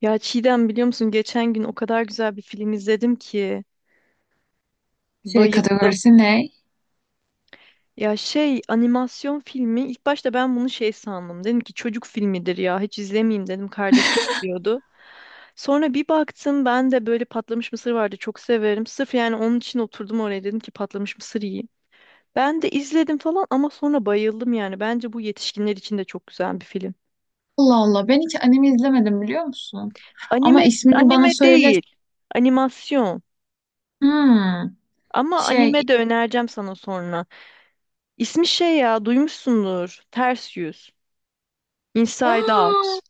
Ya Çiğdem, biliyor musun, geçen gün o kadar güzel bir film izledim ki Şey bayıldım. kategorisi ne? Ya şey, animasyon filmi, ilk başta ben bunu şey sandım. Dedim ki çocuk filmidir ya, hiç izlemeyeyim dedim, kardeşim izliyordu. Sonra bir baktım, ben de böyle patlamış mısır vardı, çok severim. Sırf yani onun için oturdum oraya, dedim ki patlamış mısır yiyeyim. Ben de izledim falan, ama sonra bayıldım yani. Bence bu yetişkinler için de çok güzel bir film. Allah Allah, ben hiç anime izlemedim, biliyor musun? Ama Anime. ismini bana Anime söyle. değil. Animasyon. Hmm, Ama şey. anime de önereceğim sana sonra. İsmi şey, ya duymuşsundur. Ters Yüz. Inside Aa, Out.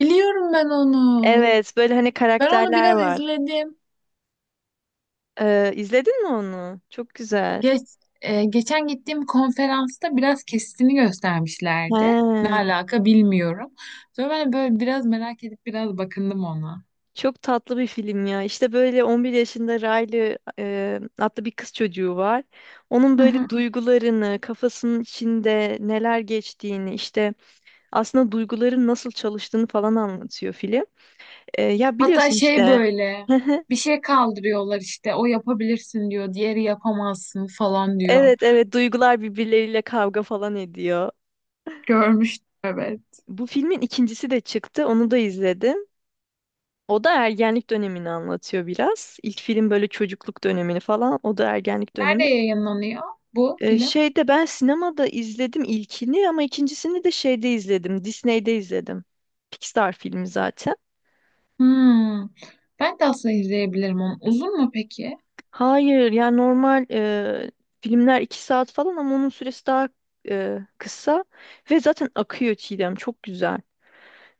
biliyorum ben onu. Evet, böyle hani Ben onu karakterler biraz var. izledim. İzledin mi onu? Çok güzel. Geç, Geçen gittiğim konferansta biraz kesitini He, göstermişlerdi. Ne alaka bilmiyorum. Sonra ben böyle biraz merak edip biraz bakındım ona. çok tatlı bir film ya. İşte böyle 11 yaşında Riley adlı bir kız çocuğu var. Onun Hı hı. böyle duygularını, kafasının içinde neler geçtiğini, işte aslında duyguların nasıl çalıştığını falan anlatıyor film. Ya, Hatta biliyorsun şey işte. böyle bir şey kaldırıyorlar, işte o yapabilirsin diyor, diğeri yapamazsın falan diyor. Evet, evet, duygular birbirleriyle kavga falan ediyor. Görmüştüm, evet. Bu filmin ikincisi de çıktı. Onu da izledim. O da ergenlik dönemini anlatıyor biraz. İlk film böyle çocukluk dönemini falan. O da ergenlik Nerede dönemi. yayınlanıyor bu film? Şeyde ben sinemada izledim ilkini, ama ikincisini de şeyde izledim. Disney'de izledim. Pixar filmi zaten. Hmm. Ben de aslında izleyebilirim onu. Uzun mu peki? Hayır yani normal filmler 2 saat falan, ama onun süresi daha kısa. Ve zaten akıyor, Çiğdem. Çok güzel.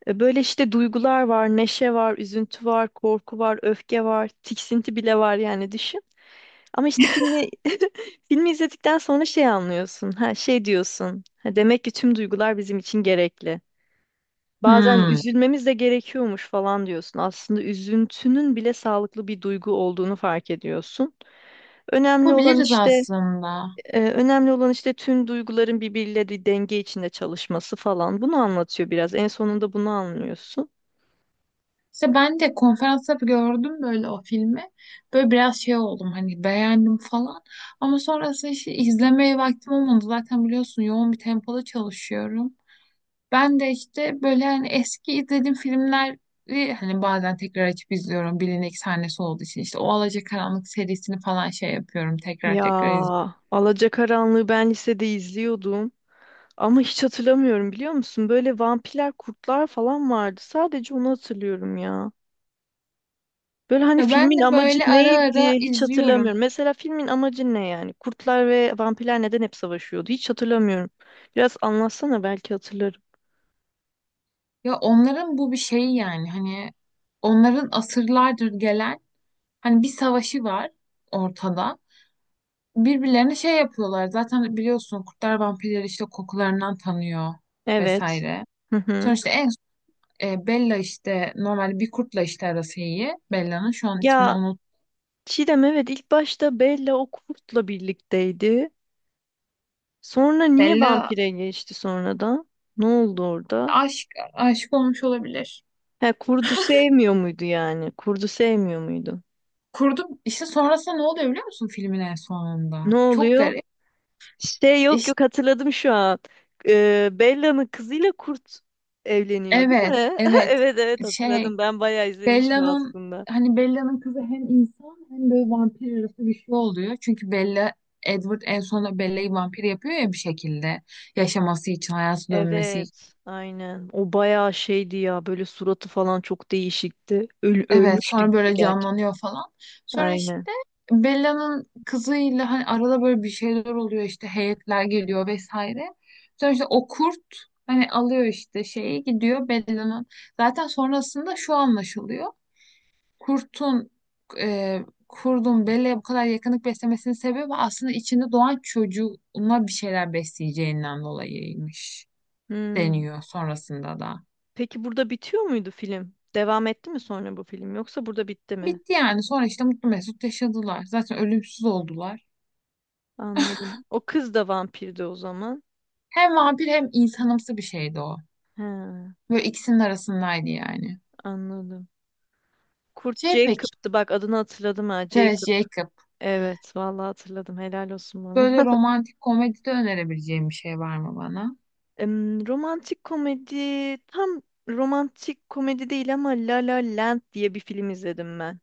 Böyle işte duygular var, neşe var, üzüntü var, korku var, öfke var, tiksinti bile var, yani düşün. Ama işte filmi filmi izledikten sonra şey anlıyorsun. Ha, şey diyorsun. Ha, demek ki tüm duygular bizim için gerekli. Bazen Hmm. üzülmemiz de gerekiyormuş falan diyorsun. Aslında üzüntünün bile sağlıklı bir duygu olduğunu fark ediyorsun. Önemli olan Yapabiliriz işte aslında. önemli olan işte tüm duyguların birbiriyle bir denge içinde çalışması falan. Bunu anlatıyor biraz. En sonunda bunu anlıyorsun. İşte ben de konferansta gördüm böyle o filmi. Böyle biraz şey oldum, hani beğendim falan. Ama sonrasında işte izlemeye vaktim olmadı. Zaten biliyorsun, yoğun bir tempoda çalışıyorum. Ben de işte böyle hani eski izlediğim filmleri hani bazen tekrar açıp izliyorum, bilinek sahnesi olduğu için işte o Alacakaranlık serisini falan şey yapıyorum, tekrar Ya, tekrar izliyorum. Alacakaranlığı ben lisede izliyordum. Ama hiç hatırlamıyorum, biliyor musun? Böyle vampirler, kurtlar falan vardı. Sadece onu hatırlıyorum ya. Böyle hani Ya ben filmin de amacı böyle ara neydi, ara hiç izliyorum. hatırlamıyorum. Mesela filmin amacı ne yani? Kurtlar ve vampirler neden hep savaşıyordu? Hiç hatırlamıyorum. Biraz anlatsana, belki hatırlarım. Ya onların bu bir şeyi, yani hani onların asırlardır gelen hani bir savaşı var ortada. Birbirlerine şey yapıyorlar, zaten biliyorsun, kurtlar vampirleri işte kokularından tanıyor Evet. vesaire. Hı hı. Sonuçta en Bella işte normal bir kurtla işte arası iyi. Bella'nın şu an ismini Ya unut. Çiğdem, evet, ilk başta Bella o kurtla birlikteydi. Sonra niye Bella, vampire geçti sonradan? Ne oldu orada? aşk aşık olmuş olabilir. He, kurdu sevmiyor muydu yani? Kurdu sevmiyor muydu? Kurdu işte sonrasında ne oluyor biliyor musun filmin en sonunda? Ne Çok oluyor? garip. Şey, yok, İşte yok, hatırladım şu an. Bella'nın kızıyla kurt evleniyor değil evet, mi? evet, Evet, evet, şey, hatırladım. Ben bayağı izlemişim Bella'nın, aslında. hani Bella'nın kızı hem insan hem böyle vampir arası bir şey oluyor. Çünkü Bella Edward en sonunda Bella'yı vampir yapıyor ya bir şekilde, yaşaması için, hayatı dönmesi. Evet, aynen. O bayağı şeydi ya, böyle suratı falan çok değişikti. Öl Evet ölmüştü sonra gibi, böyle gerçekten. canlanıyor falan. Sonra Aynen. işte Bella'nın kızıyla hani arada böyle bir şeyler oluyor, işte heyetler geliyor vesaire. Sonra işte o kurt hani alıyor işte şeyi, gidiyor Bella'nın. Zaten sonrasında şu anlaşılıyor. Kurtun e, Kurdun Bella'ya bu kadar yakınlık beslemesinin sebebi aslında içinde doğan çocuğuna bir şeyler besleyeceğinden dolayıymış, Hmm. deniyor sonrasında da. Peki burada bitiyor muydu film? Devam etti mi sonra bu film, yoksa burada bitti mi? Bitti yani, sonra işte mutlu mesut yaşadılar. Zaten ölümsüz oldular. Anladım. O kız da vampirdi o zaman. Hem vampir hem insanımsı bir şeydi o. Ha, Böyle ikisinin arasındaydı yani. anladım. Kurt Şey peki, Jacob'tu, bak adını hatırladım, ha Tess Jacob. Jacob. Evet, vallahi hatırladım, helal olsun Böyle bana. romantik komedide önerebileceğim bir şey var mı bana? Romantik komedi, tam romantik komedi değil, ama La La Land diye bir film izledim ben.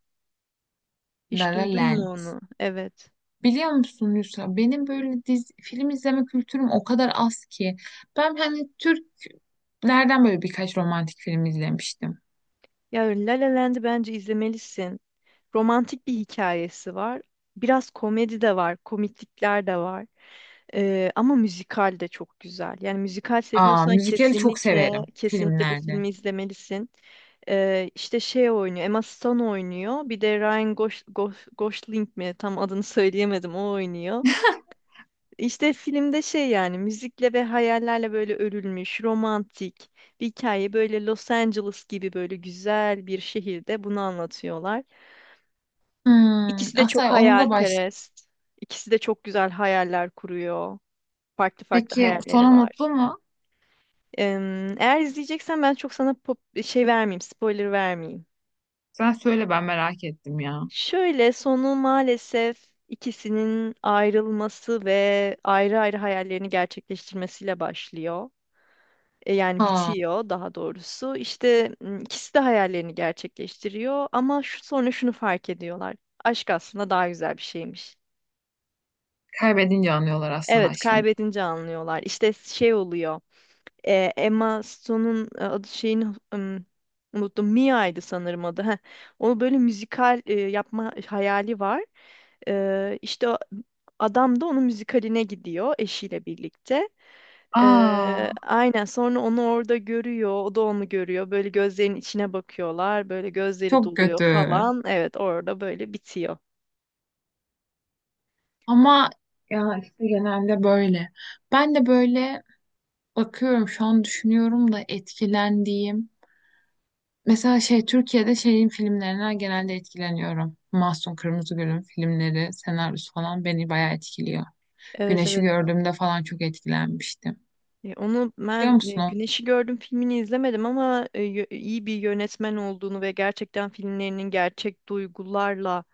La Hiç La duydun mu Land. onu? Evet. Biliyor musun Yusra, benim böyle dizi, film izleme kültürüm o kadar az ki. Ben hani Türklerden böyle birkaç romantik film izlemiştim. Ya, La La Land'i bence izlemelisin. Romantik bir hikayesi var. Biraz komedi de var, komiklikler de var. Ama müzikal de çok güzel. Yani müzikal Aa, seviyorsan müzikali çok kesinlikle, severim kesinlikle bu filmlerde. filmi izlemelisin. İşte şey oynuyor, Emma Stone oynuyor. Bir de Ryan Gosling mi? Tam adını söyleyemedim. O oynuyor. İşte filmde şey, yani müzikle ve hayallerle böyle örülmüş, romantik bir hikaye. Böyle Los Angeles gibi böyle güzel bir şehirde bunu anlatıyorlar. Hmm, İkisi de çok Asay onu da baş... hayalperest. İkisi de çok güzel hayaller kuruyor. Farklı farklı Peki hayalleri sonu var. mutlu mu? Eğer izleyeceksen ben çok sana spoiler vermeyeyim. Sen söyle, ben merak ettim ya. Şöyle sonu maalesef ikisinin ayrılması ve ayrı ayrı hayallerini gerçekleştirmesiyle başlıyor. Yani Aa, bitiyor daha doğrusu. İşte ikisi de hayallerini gerçekleştiriyor, ama sonra şunu fark ediyorlar. Aşk aslında daha güzel bir şeymiş. kaybedince anlıyorlar aslında Evet, aşkını. kaybedince anlıyorlar. İşte şey oluyor. Emma Stone'un adı şeyini ım, unuttum. Mia'ydı sanırım adı. Heh. Onu böyle müzikal yapma hayali var. İşte adam da onun müzikaline gidiyor eşiyle birlikte. Aa, Aynen sonra onu orada görüyor. O da onu görüyor. Böyle gözlerin içine bakıyorlar. Böyle gözleri çok doluyor kötü. falan. Evet, orada böyle bitiyor. Ama ya işte genelde böyle. Ben de böyle bakıyorum şu an, düşünüyorum da etkilendiğim. Mesela şey, Türkiye'de şeyin filmlerinden genelde etkileniyorum. Mahsun Kırmızıgül'ün filmleri, senaryosu falan beni bayağı etkiliyor. Evet, Güneşi evet. gördüğümde falan çok etkilenmiştim. Onu Biliyor ben musun? O? Güneşi Gördüm filmini izlemedim, ama iyi bir yönetmen olduğunu ve gerçekten filmlerinin gerçek duygularla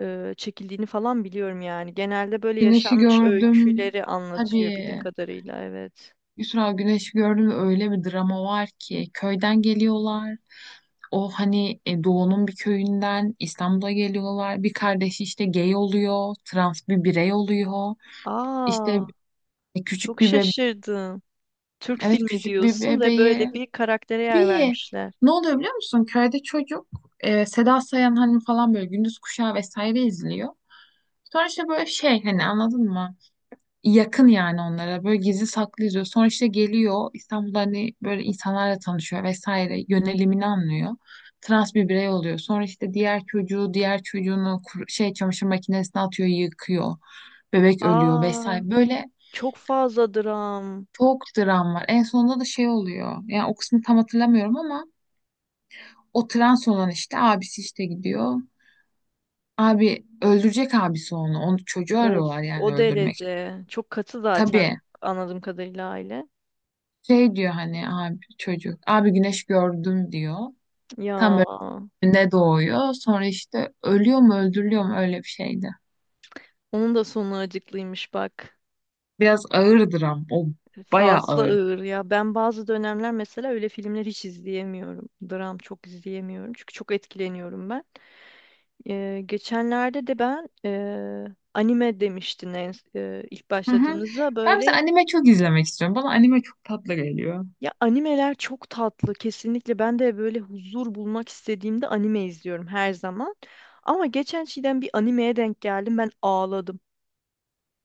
çekildiğini falan biliyorum yani. Genelde böyle Güneşi yaşanmış gördüm. öyküleri anlatıyor bildiğim Tabii. kadarıyla, evet. Yusra, Güneş gördüm ve öyle bir drama var ki, köyden geliyorlar. O hani doğunun bir köyünden İstanbul'a geliyorlar. Bir kardeşi işte gay oluyor, trans bir birey oluyor. İşte Aa, küçük çok bir bebe şaşırdım. Türk evet, filmi küçük bir diyorsun ve bebeği. böyle bir karaktere yer Bir vermişler. ne oluyor biliyor musun? Köyde çocuk Seda Sayan hani falan böyle gündüz kuşağı vesaire izliyor. Sonra işte böyle şey, hani anladın mı? Yakın yani onlara, böyle gizli saklı izliyor. Sonra işte geliyor, İstanbul'da hani böyle insanlarla tanışıyor vesaire, yönelimini anlıyor. Trans bir birey oluyor. Sonra işte diğer çocuğu, diğer çocuğunu çamaşır makinesine atıyor yıkıyor. Bebek ölüyor Aa, vesaire. Böyle çok fazla dram. çok dram var. En sonunda da şey oluyor. Yani o kısmı tam hatırlamıyorum ama o trans olan işte abisi işte gidiyor. Abi öldürecek, abisi onu. Onu, çocuğu Of, arıyorlar yani o öldürmek. derece. Çok katı zaten, Tabii. anladığım kadarıyla aile. Şey diyor hani, abi çocuk. Abi güneş gördüm diyor. Ya. Tam böyle doğuyor. Sonra işte ölüyor mu öldürülüyor mu, öyle bir şeydi. Onun da sonu acıklıymış bak. Biraz ağırdır ama o bayağı Fazla ağır. ağır ya. Ben bazı dönemler mesela öyle filmler hiç izleyemiyorum. Dram çok izleyemiyorum. Çünkü çok etkileniyorum ben. Geçenlerde de ben anime demiştin ilk Hı hı. başladığımızda Ben mesela böyle, anime çok izlemek istiyorum. Bana anime çok tatlı geliyor. ya, animeler çok tatlı kesinlikle. Ben de böyle huzur bulmak istediğimde anime izliyorum her zaman. Ama geçen şeyden bir animeye denk geldim. Ben ağladım.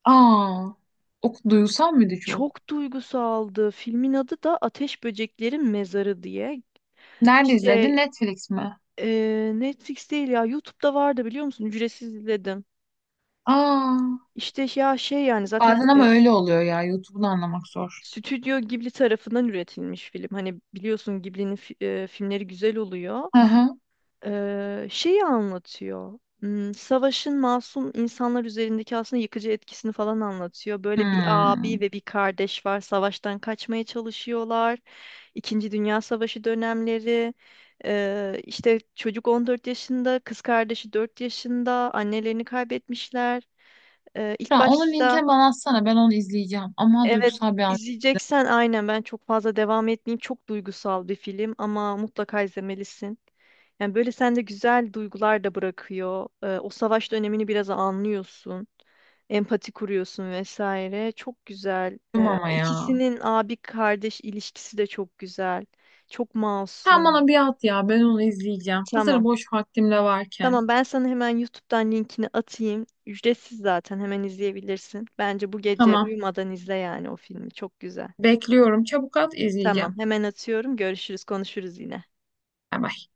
Aa, o duysal mıydı çok? Çok duygusaldı. Filmin adı da Ateş Böceklerin Mezarı diye. Nerede İşte izledin? Netflix mi? Netflix değil ya, YouTube'da vardı, biliyor musun? Ücretsiz izledim. Aa, İşte ya şey, yani zaten bazen ama öyle oluyor ya. YouTube'unu anlamak zor. Stüdyo Ghibli tarafından üretilmiş film. Hani biliyorsun, Ghibli'nin filmleri güzel oluyor. Hı hı. Şeyi anlatıyor. Savaşın masum insanlar üzerindeki aslında yıkıcı etkisini falan anlatıyor. Böyle bir Hmm. abi ve bir kardeş var. Savaştan kaçmaya çalışıyorlar. İkinci Dünya Savaşı dönemleri. İşte çocuk 14 yaşında, kız kardeşi 4 yaşında. Annelerini kaybetmişler. İlk Ya onun başta linkini bana atsana. Ben onu izleyeceğim. Ama Evet, duygusal bir izleyeceksen aynen, ben çok fazla devam etmeyeyim. Çok duygusal bir film, ama mutlaka izlemelisin. Yani böyle sende güzel duygular da bırakıyor. O savaş dönemini biraz anlıyorsun. Empati kuruyorsun vesaire. Çok güzel. anlattım ama ya. İkisinin abi kardeş ilişkisi de çok güzel. Çok Sen masum. bana bir at ya, ben onu izleyeceğim. Hazır Tamam. boş vaktim de varken. Tamam, ben sana hemen YouTube'dan linkini atayım. Ücretsiz zaten hemen izleyebilirsin. Bence bu gece Tamam, uyumadan izle yani o filmi. Çok güzel. bekliyorum, çabuk at Tamam, izleyeceğim. hemen atıyorum. Görüşürüz, konuşuruz yine. Bay bay.